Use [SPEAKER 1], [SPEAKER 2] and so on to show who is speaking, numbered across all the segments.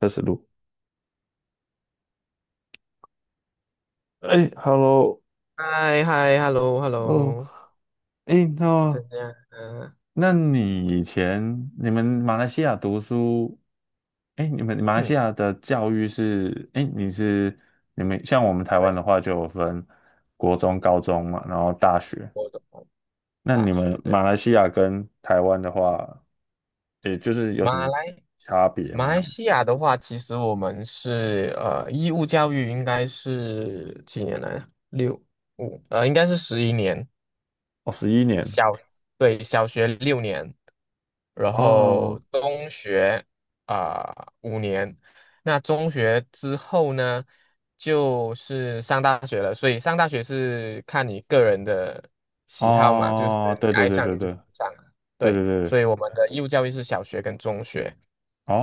[SPEAKER 1] 开始录。哎，Hello。
[SPEAKER 2] 嗨嗨，hello
[SPEAKER 1] 哦，
[SPEAKER 2] hello，
[SPEAKER 1] 哎，
[SPEAKER 2] 怎
[SPEAKER 1] 那
[SPEAKER 2] 样啊？
[SPEAKER 1] 那你以前你们马来西亚读书，哎，你们马来西
[SPEAKER 2] 嗯，
[SPEAKER 1] 亚的教育是，哎，你们像我们台湾
[SPEAKER 2] 对，
[SPEAKER 1] 的话就有分国中、高中嘛，然后大学。
[SPEAKER 2] 我懂，
[SPEAKER 1] 那
[SPEAKER 2] 大
[SPEAKER 1] 你
[SPEAKER 2] 学
[SPEAKER 1] 们马
[SPEAKER 2] 对，
[SPEAKER 1] 来西亚跟台湾的话，也就是有什
[SPEAKER 2] 马
[SPEAKER 1] 么
[SPEAKER 2] 来
[SPEAKER 1] 差别
[SPEAKER 2] 马
[SPEAKER 1] 吗？
[SPEAKER 2] 来西亚的话，其实我们是义务教育应该是几年来啊？五，应该是十一年，
[SPEAKER 1] 哦，十一年。
[SPEAKER 2] 小，对，小学六年，然后
[SPEAKER 1] 哦。
[SPEAKER 2] 中学啊，五年，那中学之后呢，就是上大学了。所以上大学是看你个人的喜好嘛，就是
[SPEAKER 1] 哦，对
[SPEAKER 2] 你
[SPEAKER 1] 对
[SPEAKER 2] 爱
[SPEAKER 1] 对
[SPEAKER 2] 上
[SPEAKER 1] 对
[SPEAKER 2] 你就
[SPEAKER 1] 对
[SPEAKER 2] 上了。
[SPEAKER 1] 对对
[SPEAKER 2] 对，
[SPEAKER 1] 对对，
[SPEAKER 2] 所以我们的义务教育是小学跟中学。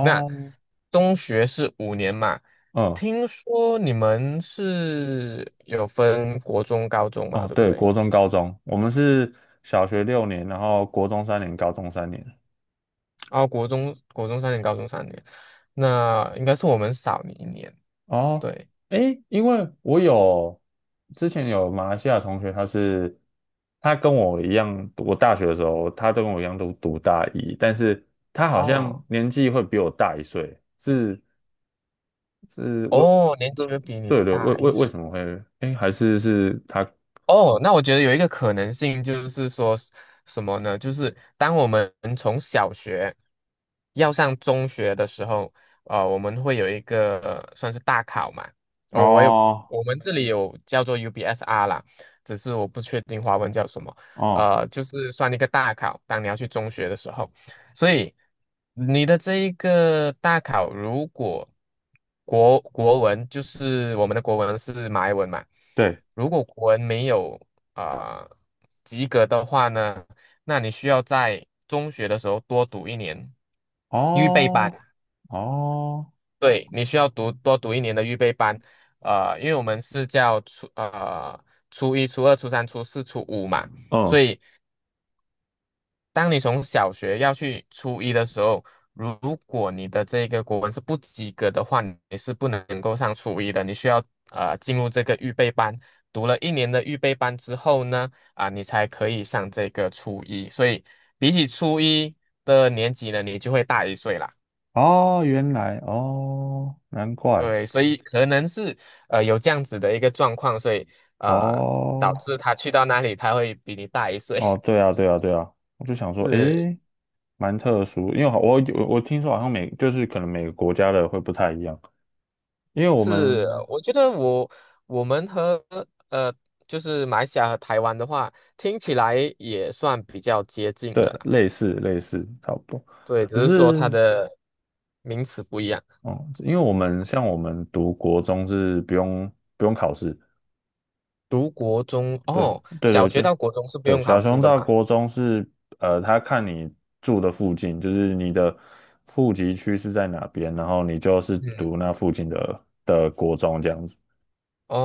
[SPEAKER 2] 那中学是五年嘛？
[SPEAKER 1] 嗯。
[SPEAKER 2] 听说你们是有分国中、高中嘛，
[SPEAKER 1] 哦，
[SPEAKER 2] 对不
[SPEAKER 1] 对，
[SPEAKER 2] 对？
[SPEAKER 1] 国中、高中，我们是小学六年，然后国中三年，高中三年。
[SPEAKER 2] 哦，国中三年，高中三年，那应该是我们少你一年。
[SPEAKER 1] 哦，
[SPEAKER 2] 对，
[SPEAKER 1] 诶，因为之前有马来西亚同学，他跟我一样，我大学的时候，他都跟我一样都读大一，但是他好像
[SPEAKER 2] 哦
[SPEAKER 1] 年纪会比我大一岁，是是为
[SPEAKER 2] 哦，年纪
[SPEAKER 1] 对
[SPEAKER 2] 会比你
[SPEAKER 1] 对对，为
[SPEAKER 2] 大
[SPEAKER 1] 为
[SPEAKER 2] 一
[SPEAKER 1] 为
[SPEAKER 2] 岁。
[SPEAKER 1] 什么会？诶，还是是他
[SPEAKER 2] 哦，那我觉得有一个可能性就是说什么呢？就是当我们从小学要上中学的时候，我们会有一个算是大考嘛。哦，我有，
[SPEAKER 1] 哦
[SPEAKER 2] 我们这里有叫做 UBSR 啦，只是我不确定华文叫什么。
[SPEAKER 1] 哦
[SPEAKER 2] 就是算一个大考，当你要去中学的时候。所以你的这一个大考，如果国文就是我们的国文是马来文嘛，
[SPEAKER 1] 对
[SPEAKER 2] 如果国文没有啊、呃及格的话呢，那你需要在中学的时候多读一年预备班，
[SPEAKER 1] 哦哦。
[SPEAKER 2] 对，你需要多读一年的预备班，因为我们是叫初一、初二、初三、初四、初五嘛，所
[SPEAKER 1] 嗯。
[SPEAKER 2] 以当你从小学要去初一的时候，如果你的这个国文是不及格的话，你是不能够上初一的，你需要进入这个预备班，读了一年的预备班之后呢，你才可以上这个初一。所以比起初一的年级呢，你就会大一岁啦。
[SPEAKER 1] 哦，原来哦，难怪。
[SPEAKER 2] 对，所以可能是有这样子的一个状况，所以啊、呃导
[SPEAKER 1] 哦
[SPEAKER 2] 致他去到那里他会比你大一岁，
[SPEAKER 1] 哦，对啊，对啊，对啊，我 就想说，
[SPEAKER 2] 是
[SPEAKER 1] 诶，蛮特殊，因为我听说好像每就是可能每个国家的会不太一样，因为我
[SPEAKER 2] 是，
[SPEAKER 1] 们
[SPEAKER 2] 我觉得我们和呃，就是马来西亚和台湾的话，听起来也算比较接近了
[SPEAKER 1] 对
[SPEAKER 2] 啦。
[SPEAKER 1] 类似类似差不多，
[SPEAKER 2] 对，只
[SPEAKER 1] 只
[SPEAKER 2] 是说它
[SPEAKER 1] 是
[SPEAKER 2] 的名词不一样。
[SPEAKER 1] 哦，因为我们像我们读国中是不用考试。
[SPEAKER 2] 读国中
[SPEAKER 1] 对
[SPEAKER 2] 哦，
[SPEAKER 1] 对
[SPEAKER 2] 小
[SPEAKER 1] 对，
[SPEAKER 2] 学
[SPEAKER 1] 就
[SPEAKER 2] 到国中是不
[SPEAKER 1] 对
[SPEAKER 2] 用考
[SPEAKER 1] 小
[SPEAKER 2] 试
[SPEAKER 1] 熊
[SPEAKER 2] 的
[SPEAKER 1] 到
[SPEAKER 2] 嘛？
[SPEAKER 1] 国中是，呃，他看你住的附近，就是你的户籍区是在哪边，然后你就是
[SPEAKER 2] 嗯，
[SPEAKER 1] 读那附近的国中这样子。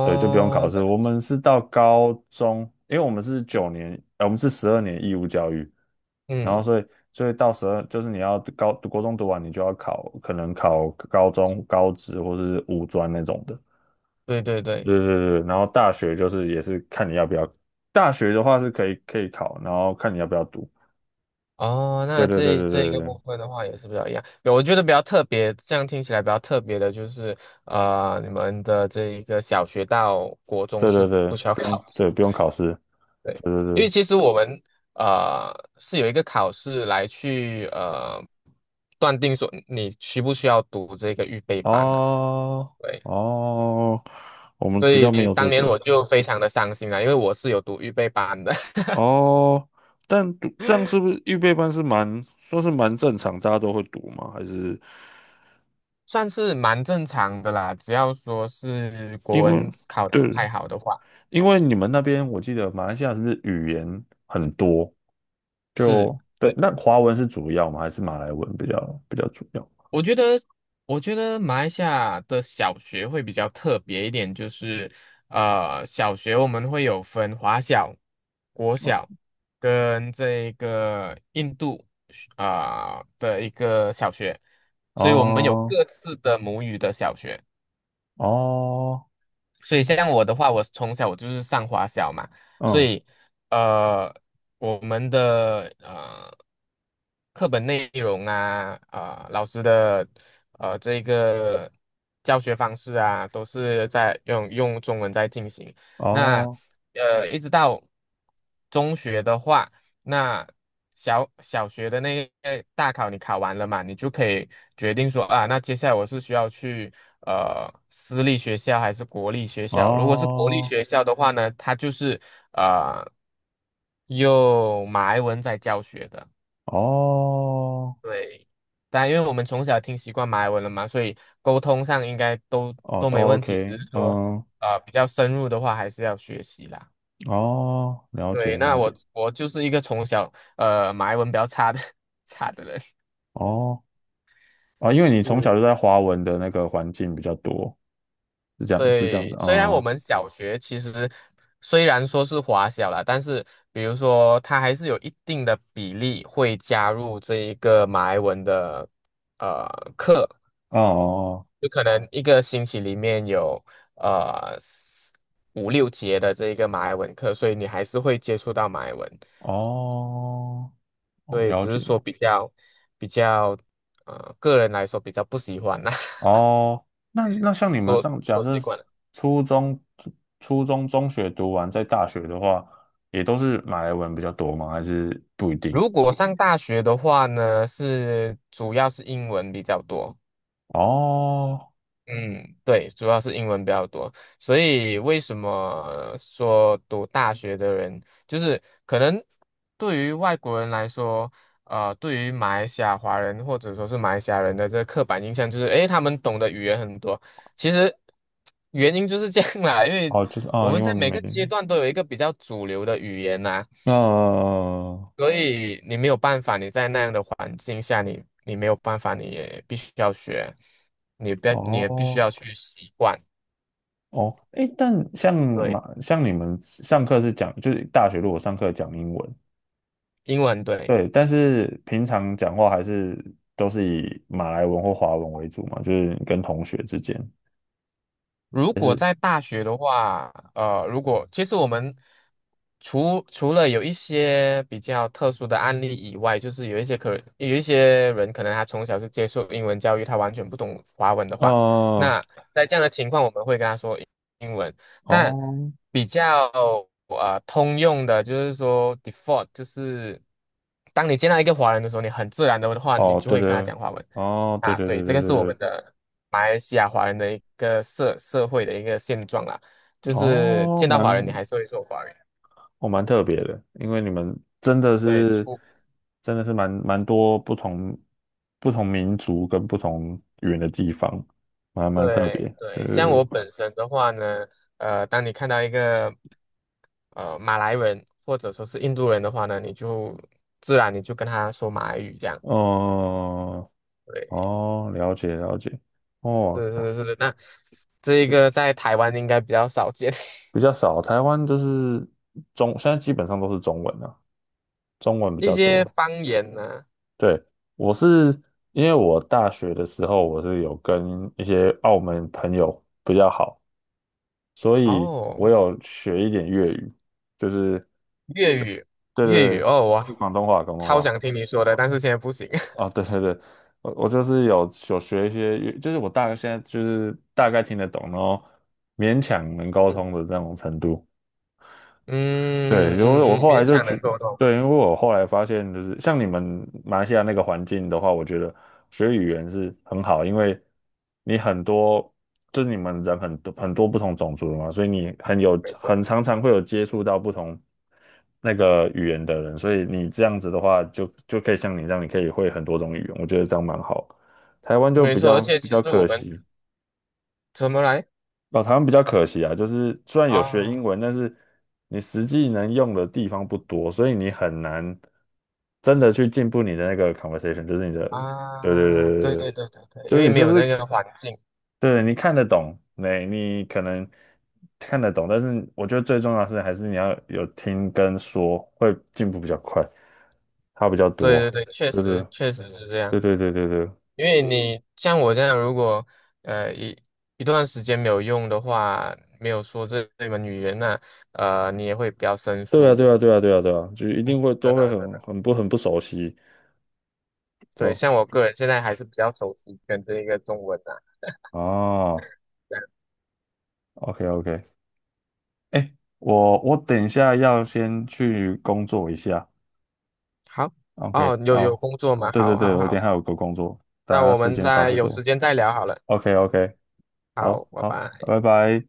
[SPEAKER 1] 对，就不用考试。
[SPEAKER 2] 那
[SPEAKER 1] 我们是到高中，因为我们是九年，呃，我们是十二年义务教育，然后
[SPEAKER 2] 嗯，
[SPEAKER 1] 所以所以到十二，就是你要国中读完，你就要考，可能考高中、高职或是五专那种的。
[SPEAKER 2] 对对对，
[SPEAKER 1] 对对对，然后大学就是也是看你要不要，大学的话是可以考，然后看你要不要读。
[SPEAKER 2] 哦，
[SPEAKER 1] 对
[SPEAKER 2] 那
[SPEAKER 1] 对对
[SPEAKER 2] 这
[SPEAKER 1] 对
[SPEAKER 2] 这一个
[SPEAKER 1] 对
[SPEAKER 2] 部分的话也是比较一样。我觉得比较特别，这样听起来比较特别的就是，你们的这一个小学到国中
[SPEAKER 1] 对对
[SPEAKER 2] 是
[SPEAKER 1] 对对，
[SPEAKER 2] 不需要
[SPEAKER 1] 不
[SPEAKER 2] 考
[SPEAKER 1] 用。
[SPEAKER 2] 试。
[SPEAKER 1] 对不用考试。
[SPEAKER 2] 对，
[SPEAKER 1] 对对
[SPEAKER 2] 因为
[SPEAKER 1] 对。
[SPEAKER 2] 其实我们呃是有一个考试来去断定说你需不需要读这个预备班的、
[SPEAKER 1] 哦。
[SPEAKER 2] 对，
[SPEAKER 1] 哦，我们
[SPEAKER 2] 所
[SPEAKER 1] 比较没
[SPEAKER 2] 以
[SPEAKER 1] 有
[SPEAKER 2] 当
[SPEAKER 1] 这
[SPEAKER 2] 年
[SPEAKER 1] 个。
[SPEAKER 2] 我就非常的伤心了，因为我是有读预备班的，
[SPEAKER 1] 哦，但读这样预备班是蛮说是蛮正常，大家都会读吗？还是
[SPEAKER 2] 算是蛮正常的啦，只要说是国
[SPEAKER 1] 因为
[SPEAKER 2] 文考的
[SPEAKER 1] 对，
[SPEAKER 2] 不太好的话，
[SPEAKER 1] 因为你们那边我记得马来西亚是不是语言很多？
[SPEAKER 2] 是。
[SPEAKER 1] 就对，
[SPEAKER 2] 对。
[SPEAKER 1] 那华文是主要吗？还是马来文比较主要？
[SPEAKER 2] 我觉得，我觉得，马来西亚的小学会比较特别一点，就是小学我们会有分华小、国小
[SPEAKER 1] 哦。
[SPEAKER 2] 跟这个印度的一个小学，所以我们有
[SPEAKER 1] 哦。
[SPEAKER 2] 各自的母语的小学。
[SPEAKER 1] 哦。
[SPEAKER 2] 所以
[SPEAKER 1] 嗯。
[SPEAKER 2] 像我的话，我从小我就是上华小嘛，所
[SPEAKER 1] 嗯。
[SPEAKER 2] 以呃，我们的课本内容啊，老师的这个教学方式啊，都是在用中文在进行。那
[SPEAKER 1] 哦
[SPEAKER 2] 一直到中学的话。那小学的那个大考你考完了嘛，你就可以决定说啊，那接下来我是需要去私立学校还是国立学校？如果是国立
[SPEAKER 1] 哦
[SPEAKER 2] 学校的话呢，它就是呃用马来文在教学的，
[SPEAKER 1] 哦
[SPEAKER 2] 对。但因为我们从小听习惯马来文了嘛，所以沟通上应该都
[SPEAKER 1] 哦，
[SPEAKER 2] 都
[SPEAKER 1] 都
[SPEAKER 2] 没问题，
[SPEAKER 1] OK。
[SPEAKER 2] 只是说
[SPEAKER 1] 嗯。
[SPEAKER 2] 比较深入的话还是要学习啦。
[SPEAKER 1] 哦，了解
[SPEAKER 2] 对，那
[SPEAKER 1] 了
[SPEAKER 2] 我
[SPEAKER 1] 解。
[SPEAKER 2] 我就是一个从小马来文比较差的 差的人。
[SPEAKER 1] 哦，啊，因为你从小
[SPEAKER 2] 是，
[SPEAKER 1] 就在华文的那个环境比较多，是这样
[SPEAKER 2] 对，
[SPEAKER 1] 子。嗯。
[SPEAKER 2] 虽然我
[SPEAKER 1] 哦
[SPEAKER 2] 们小学其实虽然说是华小啦，但是比如说它还是有一定的比例会加入这一个马来文的呃课，
[SPEAKER 1] 哦
[SPEAKER 2] 就可能一个星期里面有四五六节的这一个马来文课，所以你还是会接触到马来文。
[SPEAKER 1] 哦哦，
[SPEAKER 2] 对，
[SPEAKER 1] 了
[SPEAKER 2] 只是
[SPEAKER 1] 解。
[SPEAKER 2] 说比较，个人来说比较不喜欢啦，
[SPEAKER 1] 哦，那那像你们 上，假
[SPEAKER 2] 都
[SPEAKER 1] 设
[SPEAKER 2] 习
[SPEAKER 1] 是
[SPEAKER 2] 惯了。
[SPEAKER 1] 初中、初中、中学读完，在大学的话，也都是马来文比较多吗？还是不一定？
[SPEAKER 2] 如果上大学的话呢，主要是英文比较多，
[SPEAKER 1] 哦。
[SPEAKER 2] 嗯，对，主要是英文比较多，所以为什么说读大学的人，就是可能对于外国人来说，对于马来西亚华人或者说是马来西亚人的这个刻板印象就是，诶，他们懂的语言很多。其实原因就是这样啦，因为
[SPEAKER 1] 哦，就是
[SPEAKER 2] 我
[SPEAKER 1] 啊、
[SPEAKER 2] 们
[SPEAKER 1] 因为
[SPEAKER 2] 在每
[SPEAKER 1] 没，
[SPEAKER 2] 个阶段都有一个比较主流的语言呐、
[SPEAKER 1] 呃，
[SPEAKER 2] 所以你没有办法，你在那样的环境下，你没有办法，你也必须要学，你也必须
[SPEAKER 1] 哦。
[SPEAKER 2] 要去习惯。
[SPEAKER 1] 哦，诶，但像
[SPEAKER 2] 对，
[SPEAKER 1] 马，像你们上课是讲，就是大学如果上课讲英文。
[SPEAKER 2] 英文对。
[SPEAKER 1] 对，但是平常讲话还是都是以马来文或华文为主嘛，就是跟同学之间，
[SPEAKER 2] 如
[SPEAKER 1] 还
[SPEAKER 2] 果
[SPEAKER 1] 是，
[SPEAKER 2] 在大学的话，如果其实我们除了有一些比较特殊的案例以外，就是有一些人可能他从小是接受英文教育，他完全不懂华文的话，
[SPEAKER 1] 呃。
[SPEAKER 2] 那在这样的情况，我们会跟他说英文。但
[SPEAKER 1] 哦。
[SPEAKER 2] 比较通用的，就是说 default，就是当你见到一个华人的时候，你很自然的话，你
[SPEAKER 1] 哦，
[SPEAKER 2] 就
[SPEAKER 1] 对
[SPEAKER 2] 会跟他
[SPEAKER 1] 对。
[SPEAKER 2] 讲华文。
[SPEAKER 1] 哦，对
[SPEAKER 2] 啊，
[SPEAKER 1] 对
[SPEAKER 2] 对，
[SPEAKER 1] 对
[SPEAKER 2] 这
[SPEAKER 1] 对
[SPEAKER 2] 个是我
[SPEAKER 1] 对
[SPEAKER 2] 们的马来西亚华人的一个社会的一个现状啦，就
[SPEAKER 1] 对。
[SPEAKER 2] 是见到华人你还是会说华人，
[SPEAKER 1] 哦，蛮特别的，因为你们真的
[SPEAKER 2] 对，
[SPEAKER 1] 是，真的是蛮蛮多不同不同民族跟不同语言的地方，蛮蛮特别，
[SPEAKER 2] 对
[SPEAKER 1] 对
[SPEAKER 2] 对，
[SPEAKER 1] 对
[SPEAKER 2] 像
[SPEAKER 1] 对。
[SPEAKER 2] 我本身的话呢，当你看到一个马来人或者说是印度人的话呢，你就自然跟他说马来语这样，
[SPEAKER 1] 哦。
[SPEAKER 2] 对，
[SPEAKER 1] 哦，了解了解。哦，那
[SPEAKER 2] 是是是，那这一个
[SPEAKER 1] 也
[SPEAKER 2] 在台湾应该比较少见，
[SPEAKER 1] 比较少，台湾就是现在基本上都是中文啊，中文 比
[SPEAKER 2] 一
[SPEAKER 1] 较
[SPEAKER 2] 些
[SPEAKER 1] 多。
[SPEAKER 2] 方言呢，
[SPEAKER 1] 对，我是因为我大学的时候，我是有跟一些澳门朋友比较好，所以
[SPEAKER 2] 哦。
[SPEAKER 1] 我有学一点粤语，就是
[SPEAKER 2] 粤语，
[SPEAKER 1] 对
[SPEAKER 2] 粤
[SPEAKER 1] 对
[SPEAKER 2] 语
[SPEAKER 1] 对，
[SPEAKER 2] 哦，哇，
[SPEAKER 1] 就广东话，广东
[SPEAKER 2] 超
[SPEAKER 1] 话。
[SPEAKER 2] 想听你说的，但是现在不行。
[SPEAKER 1] 啊，对对对，我就是学一些粤，就是我大概现在就是大概听得懂，然后勉强能沟通的这种程度。对，因
[SPEAKER 2] 嗯
[SPEAKER 1] 为
[SPEAKER 2] 嗯
[SPEAKER 1] 我
[SPEAKER 2] 嗯，
[SPEAKER 1] 后来
[SPEAKER 2] 勉
[SPEAKER 1] 就
[SPEAKER 2] 强能
[SPEAKER 1] 觉，
[SPEAKER 2] 沟通，
[SPEAKER 1] 对，因为我后来发现，就是像你们马来西亚那个环境的话，我觉得学语言是很好，因为你很多你们人很多不同种族的嘛，所以你很有
[SPEAKER 2] 没错
[SPEAKER 1] 很常常会有接触到不同那个语言的人，所以你这样子的话就，就可以像你这样，你可以会很多种语言，我觉得这样蛮好。台湾就
[SPEAKER 2] 没错，而且
[SPEAKER 1] 比
[SPEAKER 2] 其
[SPEAKER 1] 较
[SPEAKER 2] 实我
[SPEAKER 1] 可
[SPEAKER 2] 们
[SPEAKER 1] 惜。
[SPEAKER 2] 怎么来
[SPEAKER 1] 老台湾比较可惜啊，就是虽然有学英
[SPEAKER 2] 啊
[SPEAKER 1] 文，但是你实际能用的地方不多，所以你很难真的去进步你的那个 conversation,就是你的，对对
[SPEAKER 2] 啊，
[SPEAKER 1] 对对
[SPEAKER 2] 对对
[SPEAKER 1] 对，
[SPEAKER 2] 对对对，
[SPEAKER 1] 就
[SPEAKER 2] 因
[SPEAKER 1] 是
[SPEAKER 2] 为
[SPEAKER 1] 你
[SPEAKER 2] 没有那个环境，
[SPEAKER 1] 对，你看得懂，你可能看得懂，但是我觉得最重要的是还是你要有听跟说，会进步比较快，差比较多，
[SPEAKER 2] 对对对，确
[SPEAKER 1] 就是
[SPEAKER 2] 实确实是这样，
[SPEAKER 1] 对对对对对。
[SPEAKER 2] 因为你像我这样，如果呃一一段时间没有用的话，没有说这门语言呢，你也会比较生
[SPEAKER 1] 对啊，
[SPEAKER 2] 疏，
[SPEAKER 1] 对啊，对啊，对啊，对啊，就是一
[SPEAKER 2] 嗯，
[SPEAKER 1] 定会
[SPEAKER 2] 真
[SPEAKER 1] 都会
[SPEAKER 2] 的真
[SPEAKER 1] 很
[SPEAKER 2] 的。
[SPEAKER 1] 很不很不熟悉，对
[SPEAKER 2] 对，
[SPEAKER 1] 吧。
[SPEAKER 2] 像我个人现在还是比较熟悉跟这一个中文啊。
[SPEAKER 1] 哦，
[SPEAKER 2] 这样
[SPEAKER 1] OK OK。哎，我等一下要先去工作一下。
[SPEAKER 2] 好，
[SPEAKER 1] OK,
[SPEAKER 2] 哦，有
[SPEAKER 1] 好，
[SPEAKER 2] 工作嘛？
[SPEAKER 1] 对对
[SPEAKER 2] 好，
[SPEAKER 1] 对，
[SPEAKER 2] 好，
[SPEAKER 1] 我等一
[SPEAKER 2] 好，
[SPEAKER 1] 下有个工作，等一
[SPEAKER 2] 那
[SPEAKER 1] 下
[SPEAKER 2] 我
[SPEAKER 1] 时
[SPEAKER 2] 们
[SPEAKER 1] 间差
[SPEAKER 2] 再
[SPEAKER 1] 不
[SPEAKER 2] 有时
[SPEAKER 1] 多。
[SPEAKER 2] 间再聊好了。
[SPEAKER 1] OK OK。
[SPEAKER 2] 好，
[SPEAKER 1] 好
[SPEAKER 2] 拜
[SPEAKER 1] 好，
[SPEAKER 2] 拜。
[SPEAKER 1] 拜拜。